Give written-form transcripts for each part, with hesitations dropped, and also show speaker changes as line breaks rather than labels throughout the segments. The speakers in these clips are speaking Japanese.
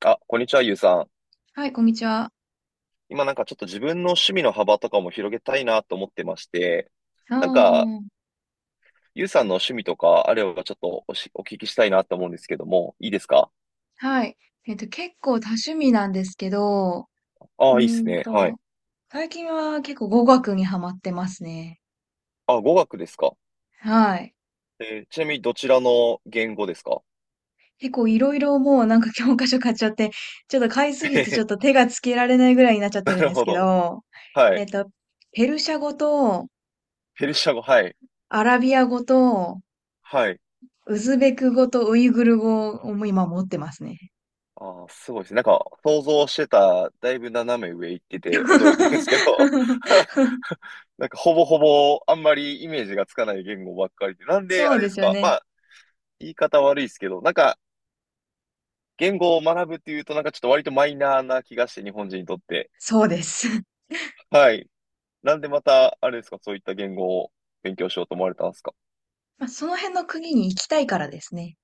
あ、こんにちは、ゆうさん。
はい、こんにちは。
今なんかちょっと自分の趣味の幅とかも広げたいなと思ってまして、なんか、
あ
ゆうさんの趣味とかあればちょっとお聞きしたいなと思うんですけども、いいですか？
あ、はい。結構多趣味なんですけど、
あ
う
あ、いいで
ー
す
ん
ね。は
と、
い。
最近は結構語学にハマってますね。
あ、語学ですか？
はい。
ちなみにどちらの言語ですか？
結構いろいろもうなんか教科書買っちゃって、ちょっと買いす
へ
ぎてちょ
へ。
っと手がつけられないぐらいになっちゃっ
な
てるん
る
です
ほ
け
ど。
ど、
は
えっ
い。
と、ペルシャ語と
ペルシャ語、はい。
アラビア語と
はい。
ウズベク語とウイグル語を今持ってますね。
ああ、すごいですね。なんか、想像してた、だいぶ斜め上行ってて驚いてるんですけど、なんかほぼほぼあんまりイメージがつかない言語ばっかりで。なんで
そ
あ
う
れ
で
です
すよ
か？
ね。
まあ言い方悪いですけど、なんか、言語を学ぶっていうと、なんかちょっと割とマイナーな気がして、日本人にとって。
そうです。
はい。なんでまた、あれですか、そういった言語を勉強しようと思われたんですか？
まあ、その辺の国に行きたいからですね。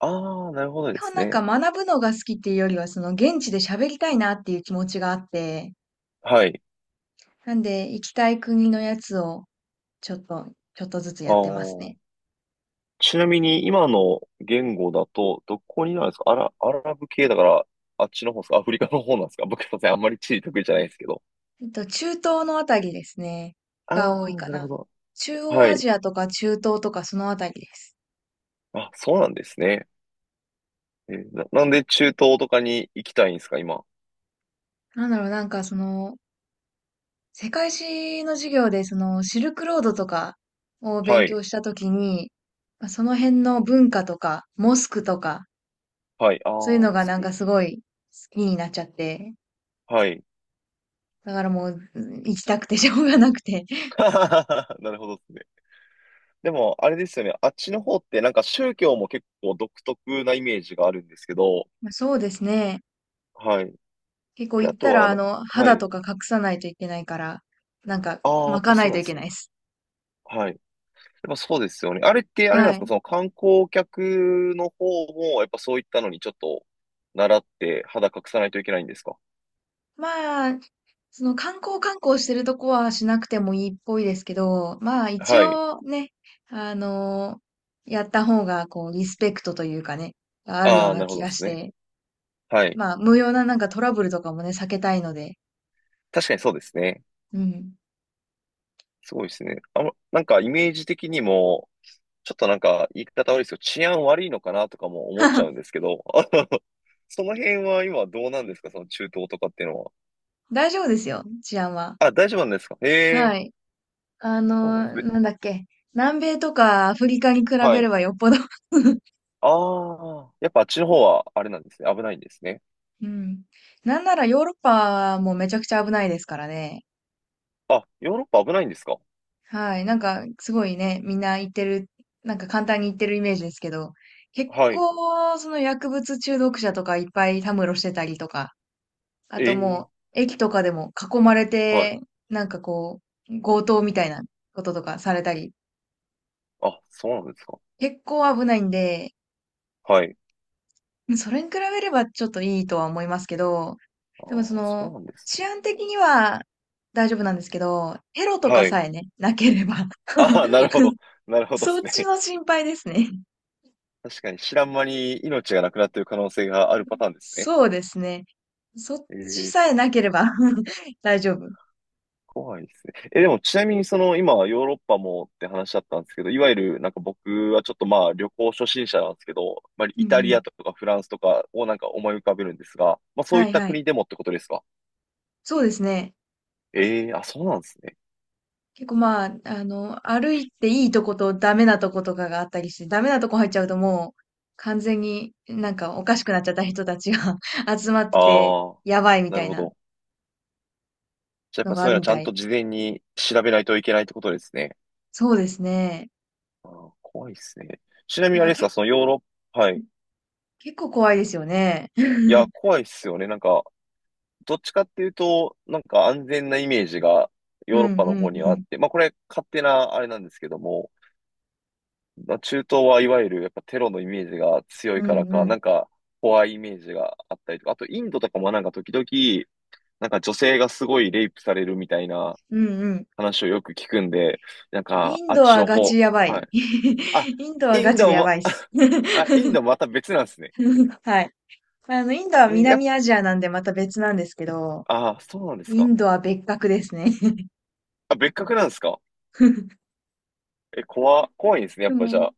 ああー、なるほど
基
で
本
す
なん
ね。
か学ぶのが好きっていうよりは、その現地で喋りたいなっていう気持ちがあって、
はい。
なんで行きたい国のやつをちょっとちょっとずつ
あ
やってますね。
あ。ちなみに、今の言語だと、どこになるんですか？アラブ系だから、あっちの方ですか？アフリカの方なんですか？ 僕、すいません。あんまり地理得意じゃないですけど。
中東のあたりですね、
あ
が多い
あ、
か
なるほ
な。
ど。
中央
は
ア
い。
ジアとか中東とかそのあたりです。
あ、そうなんですね。なんで中東とかに行きたいんですか今。
なんだろう、なんかその、世界史の授業でそのシルクロードとかを
は
勉
い。
強したときに、ま、その辺の文化とか、モスクとか
はい。ああ、
そういうの
モ
が
ス
なん
ク。
かすごい好きになっちゃって、
はい。
だからもう行きたくて しょうがなくて。
なるほどですね。でも、あれですよね。あっちの方ってなんか宗教も結構独特なイメージがあるんですけど、
まあ、そうですね。
はい。
結構
で、
行
あ
っ
と
たら
は
あ
な、
の
は
肌と
い。
か隠さないといけないから、なんか
ああ、やっ
巻
ぱ
かな
そ
い
う
と
なん
い
で
け
す
ないで
ね。
す。
はい。やっぱそうですよね。あれってあれなん
は
ですか？
い。
その観光客の方も、やっぱそういったのにちょっと習って肌隠さないといけないんですか？
まあ、その観光してるとこはしなくてもいいっぽいですけど、まあ一
はい。
応ね、あのやった方がこうリスペクトというかね、あるよ
あ
う
あ、な
な
るほ
気
どで
が
す
し
ね。
て、
はい。
まあ無用ななんかトラブルとかもね、避けたいので、
確かにそうですね。
うん。
すごいですね。あの、なんかイメージ的にも、ちょっとなんか言い方悪いですけど、治安悪いのかなとかも思っちゃ うんですけど、あの、その辺は今どうなんですか？その中東とかっていうのは。
大丈夫ですよ、治安は。
あ、大丈夫なんですか？へえ、
はい。あ
そうなんです
の
ね。
なんだっけ。南米とかアフリカに比
は
べれ
い。
ばよっぽど。
ああ、やっぱあっちの方はあれなんですね。危ないんですね。
うん。なんならヨーロッパもめちゃくちゃ危ないですからね。
あ、ヨーロッパ危ないんですか？
はい。なんか、すごいね、みんな言ってる、なんか簡単に言ってるイメージですけど、結
はい。
構、その薬物中毒者とかいっぱいたむろしてたりとか、あ
え
と
え、
駅とかでも囲まれ
はい。
て、なんかこう、強盗みたいなこととかされたり、
あ、そうなんですか？
結構危ないんで、
はい。
うん、それに比べればちょっといいとは思いますけど、
あ
でもそ
あ、そう
の、
なんです
治
ね。
安的には大丈夫なんですけど、テロとか
はい。
さえね、なければ。
ああ、なるほど。なるほどで
そっ
す
ち
ね。
の心配ですね。
確かに知らん間に命がなくなっている可能性があるパターンですね。
そうですね。そっち
え
さ
え、
えなければ 大丈夫。
怖いですね。え、でもちなみにその今ヨーロッパもって話だったんですけど、いわゆるなんか僕はちょっとまあ旅行初心者なんですけど、まあ
うん
イ
う
タリ
ん。
アとかフランスとかをなんか思い浮かべるんですが、まあそうい
は
っ
い
た
はい。
国でもってことですか？
そうですね。
ええー、あ、そうなんですね。
結構まあ、あの、歩いていいとことダメなとことかがあったりして、ダメなとこ入っちゃうともう完全になんかおかしくなっちゃった人たちが 集まってて、
ああ、
やばいみ
な
た
る
い
ほ
な
ど。じゃあやっ
の
ぱ
が
そ
あ
ういうの
る
は
み
ちゃ
た
んと
い。
事前に調べないといけないってことですね。
そうですね。
あー、怖いですね。ちなみ
い
にあ
や、
れですか、
け、
そのヨーロッパ、はい。
結構怖いですよね。
いや、怖いっすよね。なんか、どっちかっていうと、なんか安全なイメージが
う
ヨ
ん
ーロッパの
う
方に
んう
はあっ
ん。
て、まあこれ勝手なあれなんですけども、まあ、中東はいわゆるやっぱテロのイメージが強い
う
から
んう
か、な
ん。
んか怖いイメージがあったりとか、あとインドとかもなんか時々、なんか女性がすごいレイプされるみたいな
うんうん。
話をよく聞くんで、なんか
イン
あっ
ド
ち
は
の
ガ
方、
チやば
は
い。
い。あ、
インドは
イ
ガ
ン
チで
ド
や
も、
ばいっす。
あ、インドまた別なんですね。
はい。あの、インドは
えー、やっ
南アジアなんでまた別なんですけど、
ぱ、あー、そうなんです
イ
か。
ンドは別格ですね。
あ、別格なんですか。怖いんですね、や
で
っぱじゃ
も、
あ。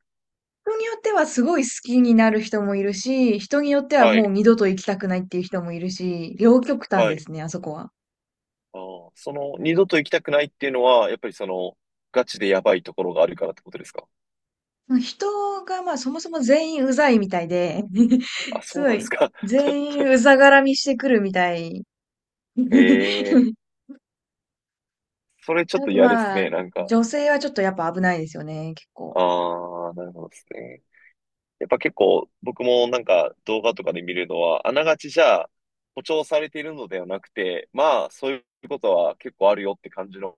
人によってはすごい好きになる人もいるし、人によっては
は
もう
い、
二度と行きたくないっていう人もいるし、両極端
は
で
い。
すね、あそこは。
ああ、その、二度と行きたくないっていうのは、やっぱりその、ガチでやばいところがあるからってことですか？
人がまあそもそも全員うざいみたいで、
あ、
す
そう
ご
なんです
い、
か。
全員うざがらみしてくるみたい。
ええ、 それちょっ
あ
と
と
嫌です
まあ、
ね、なんか。
女性はちょっとやっぱ危ないですよね、結構。
ああ、なるほどですね。やっぱ結構、僕もなんか動画とかで見るのは、あながちじゃあ、誇張されているのではなくて、まあ、そういうことは結構あるよって感じの、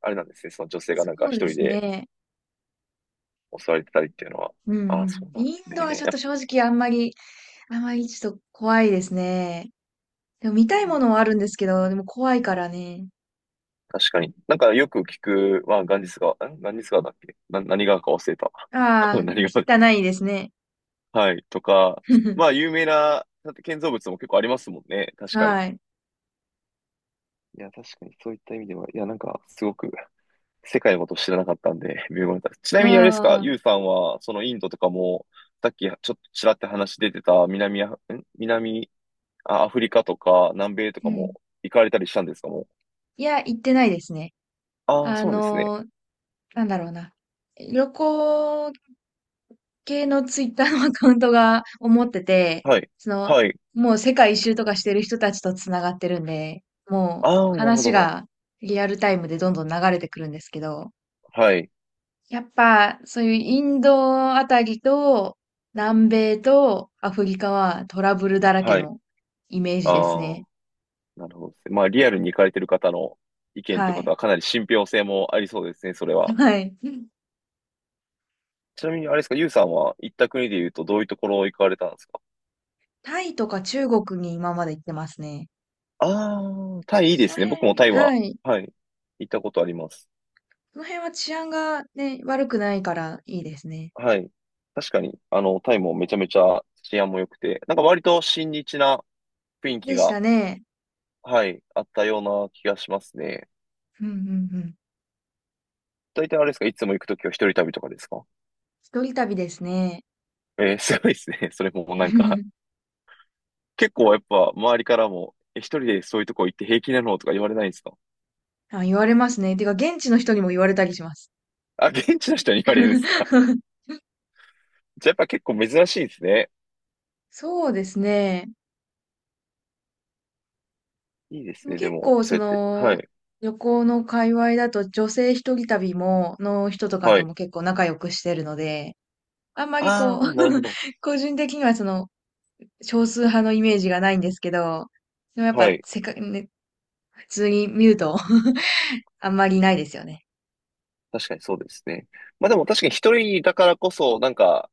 あれなんですね、その女性が
そ
なんか
う
一
で
人
す
で
ね。
襲われてたりっていうのは。
うん
あ
う
あ、そ
ん。
うなんで
イン
す
ドは
ね。
ちょっ
やっ
と正直あんまり、あんまりちょっと怖いですね。でも見
ぱ
たいものはあるんですけど、でも怖いからね。
確かに。なんかよく聞く、まあ、ガンジス川、ガンジス川だっけな、何川か忘れた。
ああ、
何川、
汚いですね。
はい、とか、まあ、有 名な、だって建造物も結構ありますもんね。確かに。
はい。
いや、確かに、そういった意味では、いや、なんか、すごく、世界のことを知らなかったんで、微妙だった。ち
あ
なみにあれですか、
あ、
ユウさんは、そのインドとかも、さっき、ちょっとちらって話出てた、南ア、ん南、あアフリカとか、南米と
う
か
ん。
も、行かれたりしたんですか？もう。
いや、行ってないですね。
ああ、
あ
そうなんですね。
のーなんだろうな。旅行系のツイッターのアカウントが思ってて、
はい。
その、
はい。
もう世界一周とかしてる人たちと繋がってるんで、もう
ああ、なるほ
話
ど。
がリアルタイムでどんどん流れてくるんですけど、
はい。
やっぱそういうインドあたりと南米とアフリカはトラブルだらけ
はい。
のイメー
あ
ジですね。
あ、なるほどですね。まあ、リアルに行かれてる方の意見って
は
こ
い。
とはかなり信憑性もありそうですね、それは。
はい。
ちなみに、あれですか、ユウさんは行った国で言うとどういうところ行かれたんですか？
タイとか中国に今まで行ってますね。
ああ、タイいいで
その
すね。僕も
辺、
タイは、
はい。
はい、行ったことあります。
その辺は治安がね、悪くないからいいですね。
はい。確かに、あの、タイもめちゃめちゃ治安も良くて、なんか割と親日な雰囲気
でし
が、
たね。
はい、あったような気がしますね。
うんうんうん。
大体あれですか、いつも行くときは一人旅とかですか？
一人旅ですね。
えー、すごいですね。それもなんか 結構やっぱ周りからも、え、一人でそういうとこ行って平気なのとか言われないんですか？
あ、言われますね。てか、現地の人にも言われたりします。
あ、現地の人に言われるんですか？ じゃあやっぱ結構珍しいですね。
そうですね。
いいで
で
す
も
ね、で
結
も、
構、
そ
そ
うやって。は
の、
い。
旅行の界隈だと、女性一人旅も、の人とか
は
と
い。
も結構仲良くしてるので、あんまりこ
あ
う、
あ、なるほど。
個人的にはその、少数派のイメージがないんですけど、でもやっ
は
ぱ、
い。
せか、ね、普通に見ると あんまりないですよね。
確かにそうですね。まあでも確かに一人だからこそ、なんか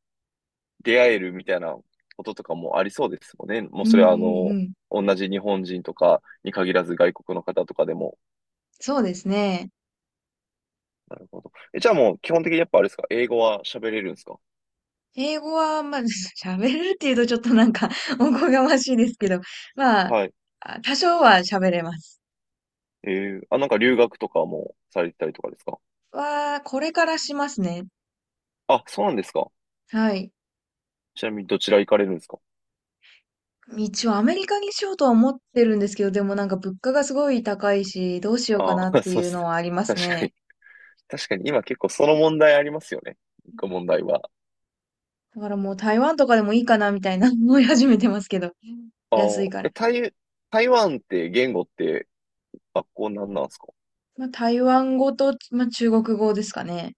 出会えるみたいなこととかもありそうですもんね。もう
う
そ
んう
れはあ
ん
の、
うん。
同じ日本人とかに限らず外国の方とかでも。
そうですね。
なるほど。え、じゃあもう基本的にやっぱあれですか？英語は喋れるんですか？
英語は、まあ、喋れるっていうとちょっとなんか おこがましいですけど、まあ、
はい。
多少は喋れます。
ええ、あ、なんか留学とかもされてたりとかですか？
これからしますね。
あ、そうなんですか？
はい。
ちなみにどちら行かれるんですか？
一応アメリカにしようとは思ってるんですけど、でもなんか物価がすごい高いし、どうしようか
あ
なっ
あ、
て
そう
い
で
う
すね、
のはあります
確か
ね。
に。確かに今結構その問題ありますよね。一個問題は。
だからもう台湾とかでもいいかなみたいな 思い始めてますけど。
あ
安い
あ、
か
え、
ら。
台湾って言語って学校なんなんですか？
まあ、台湾語と、まあ、中国語ですかね。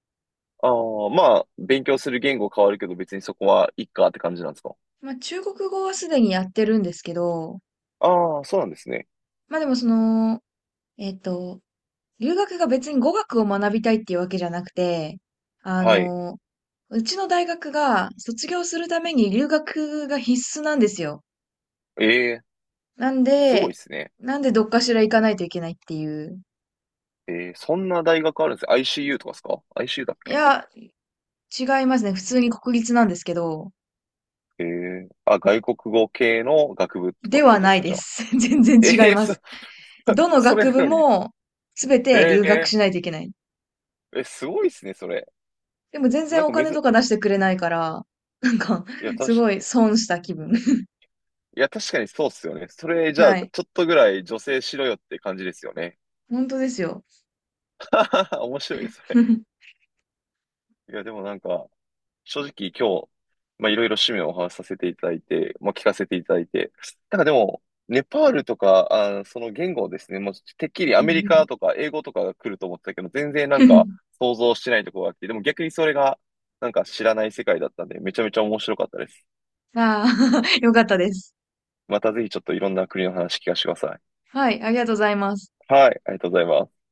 ああ、まあ、勉強する言語変わるけど別にそこはいっかって感じなんですか？
まあ、中国語はすでにやってるんですけど、
ああ、そうなんですね。
まあでもその、えっと、留学が別に語学を学びたいっていうわけじゃなくて、あ
はい。
の、うちの大学が卒業するために留学が必須なんですよ。
ええ、
なん
すごい
で、
ですね。
なんでどっかしら行かないといけないっていう。
ええ、そんな大学あるんです ?ICU とかですか ?ICU だっ
い
け。
や、違いますね。普通に国立なんですけど、
ええ、あ、外国語系の学部とかっ
で
てこ
は
とで
な
す
い
か、じ
で
ゃあ。
す。全然
え
違い
え
ま
そ、
す。ど の
それ
学
な
部
のに。
もすべて留
え
学
え、
しないといけない。
え、すごいっすね、それ。
でも全
なん
然お
かめ
金
ず、
とか出してくれないから、なんか、
いや、た
す
し、
ごい損した気分。
いや、確かにそうっすよね。それ、じゃあ、
はい。
ちょっとぐらい女性しろよって感じですよね。
本当ですよ。
面白いです ね。
うん
いや、でもなんか、正直今日、まあ、いろいろ趣味をお話しさせていただいて、まあ、聞かせていただいて、なんかでも、ネパールとか、あー、その言語ですね、もうてっきり
う
アメリ
ん。
カとか英語とかが来ると思ってたけど、全然なんか想像してないところがあって、でも逆にそれがなんか知らない世界だったんで、めちゃめちゃ面白かったです。
ああ、よかったです。
またぜひちょっといろんな国の話聞かせてください。
はい、ありがとうございます。
はい、ありがとうございます。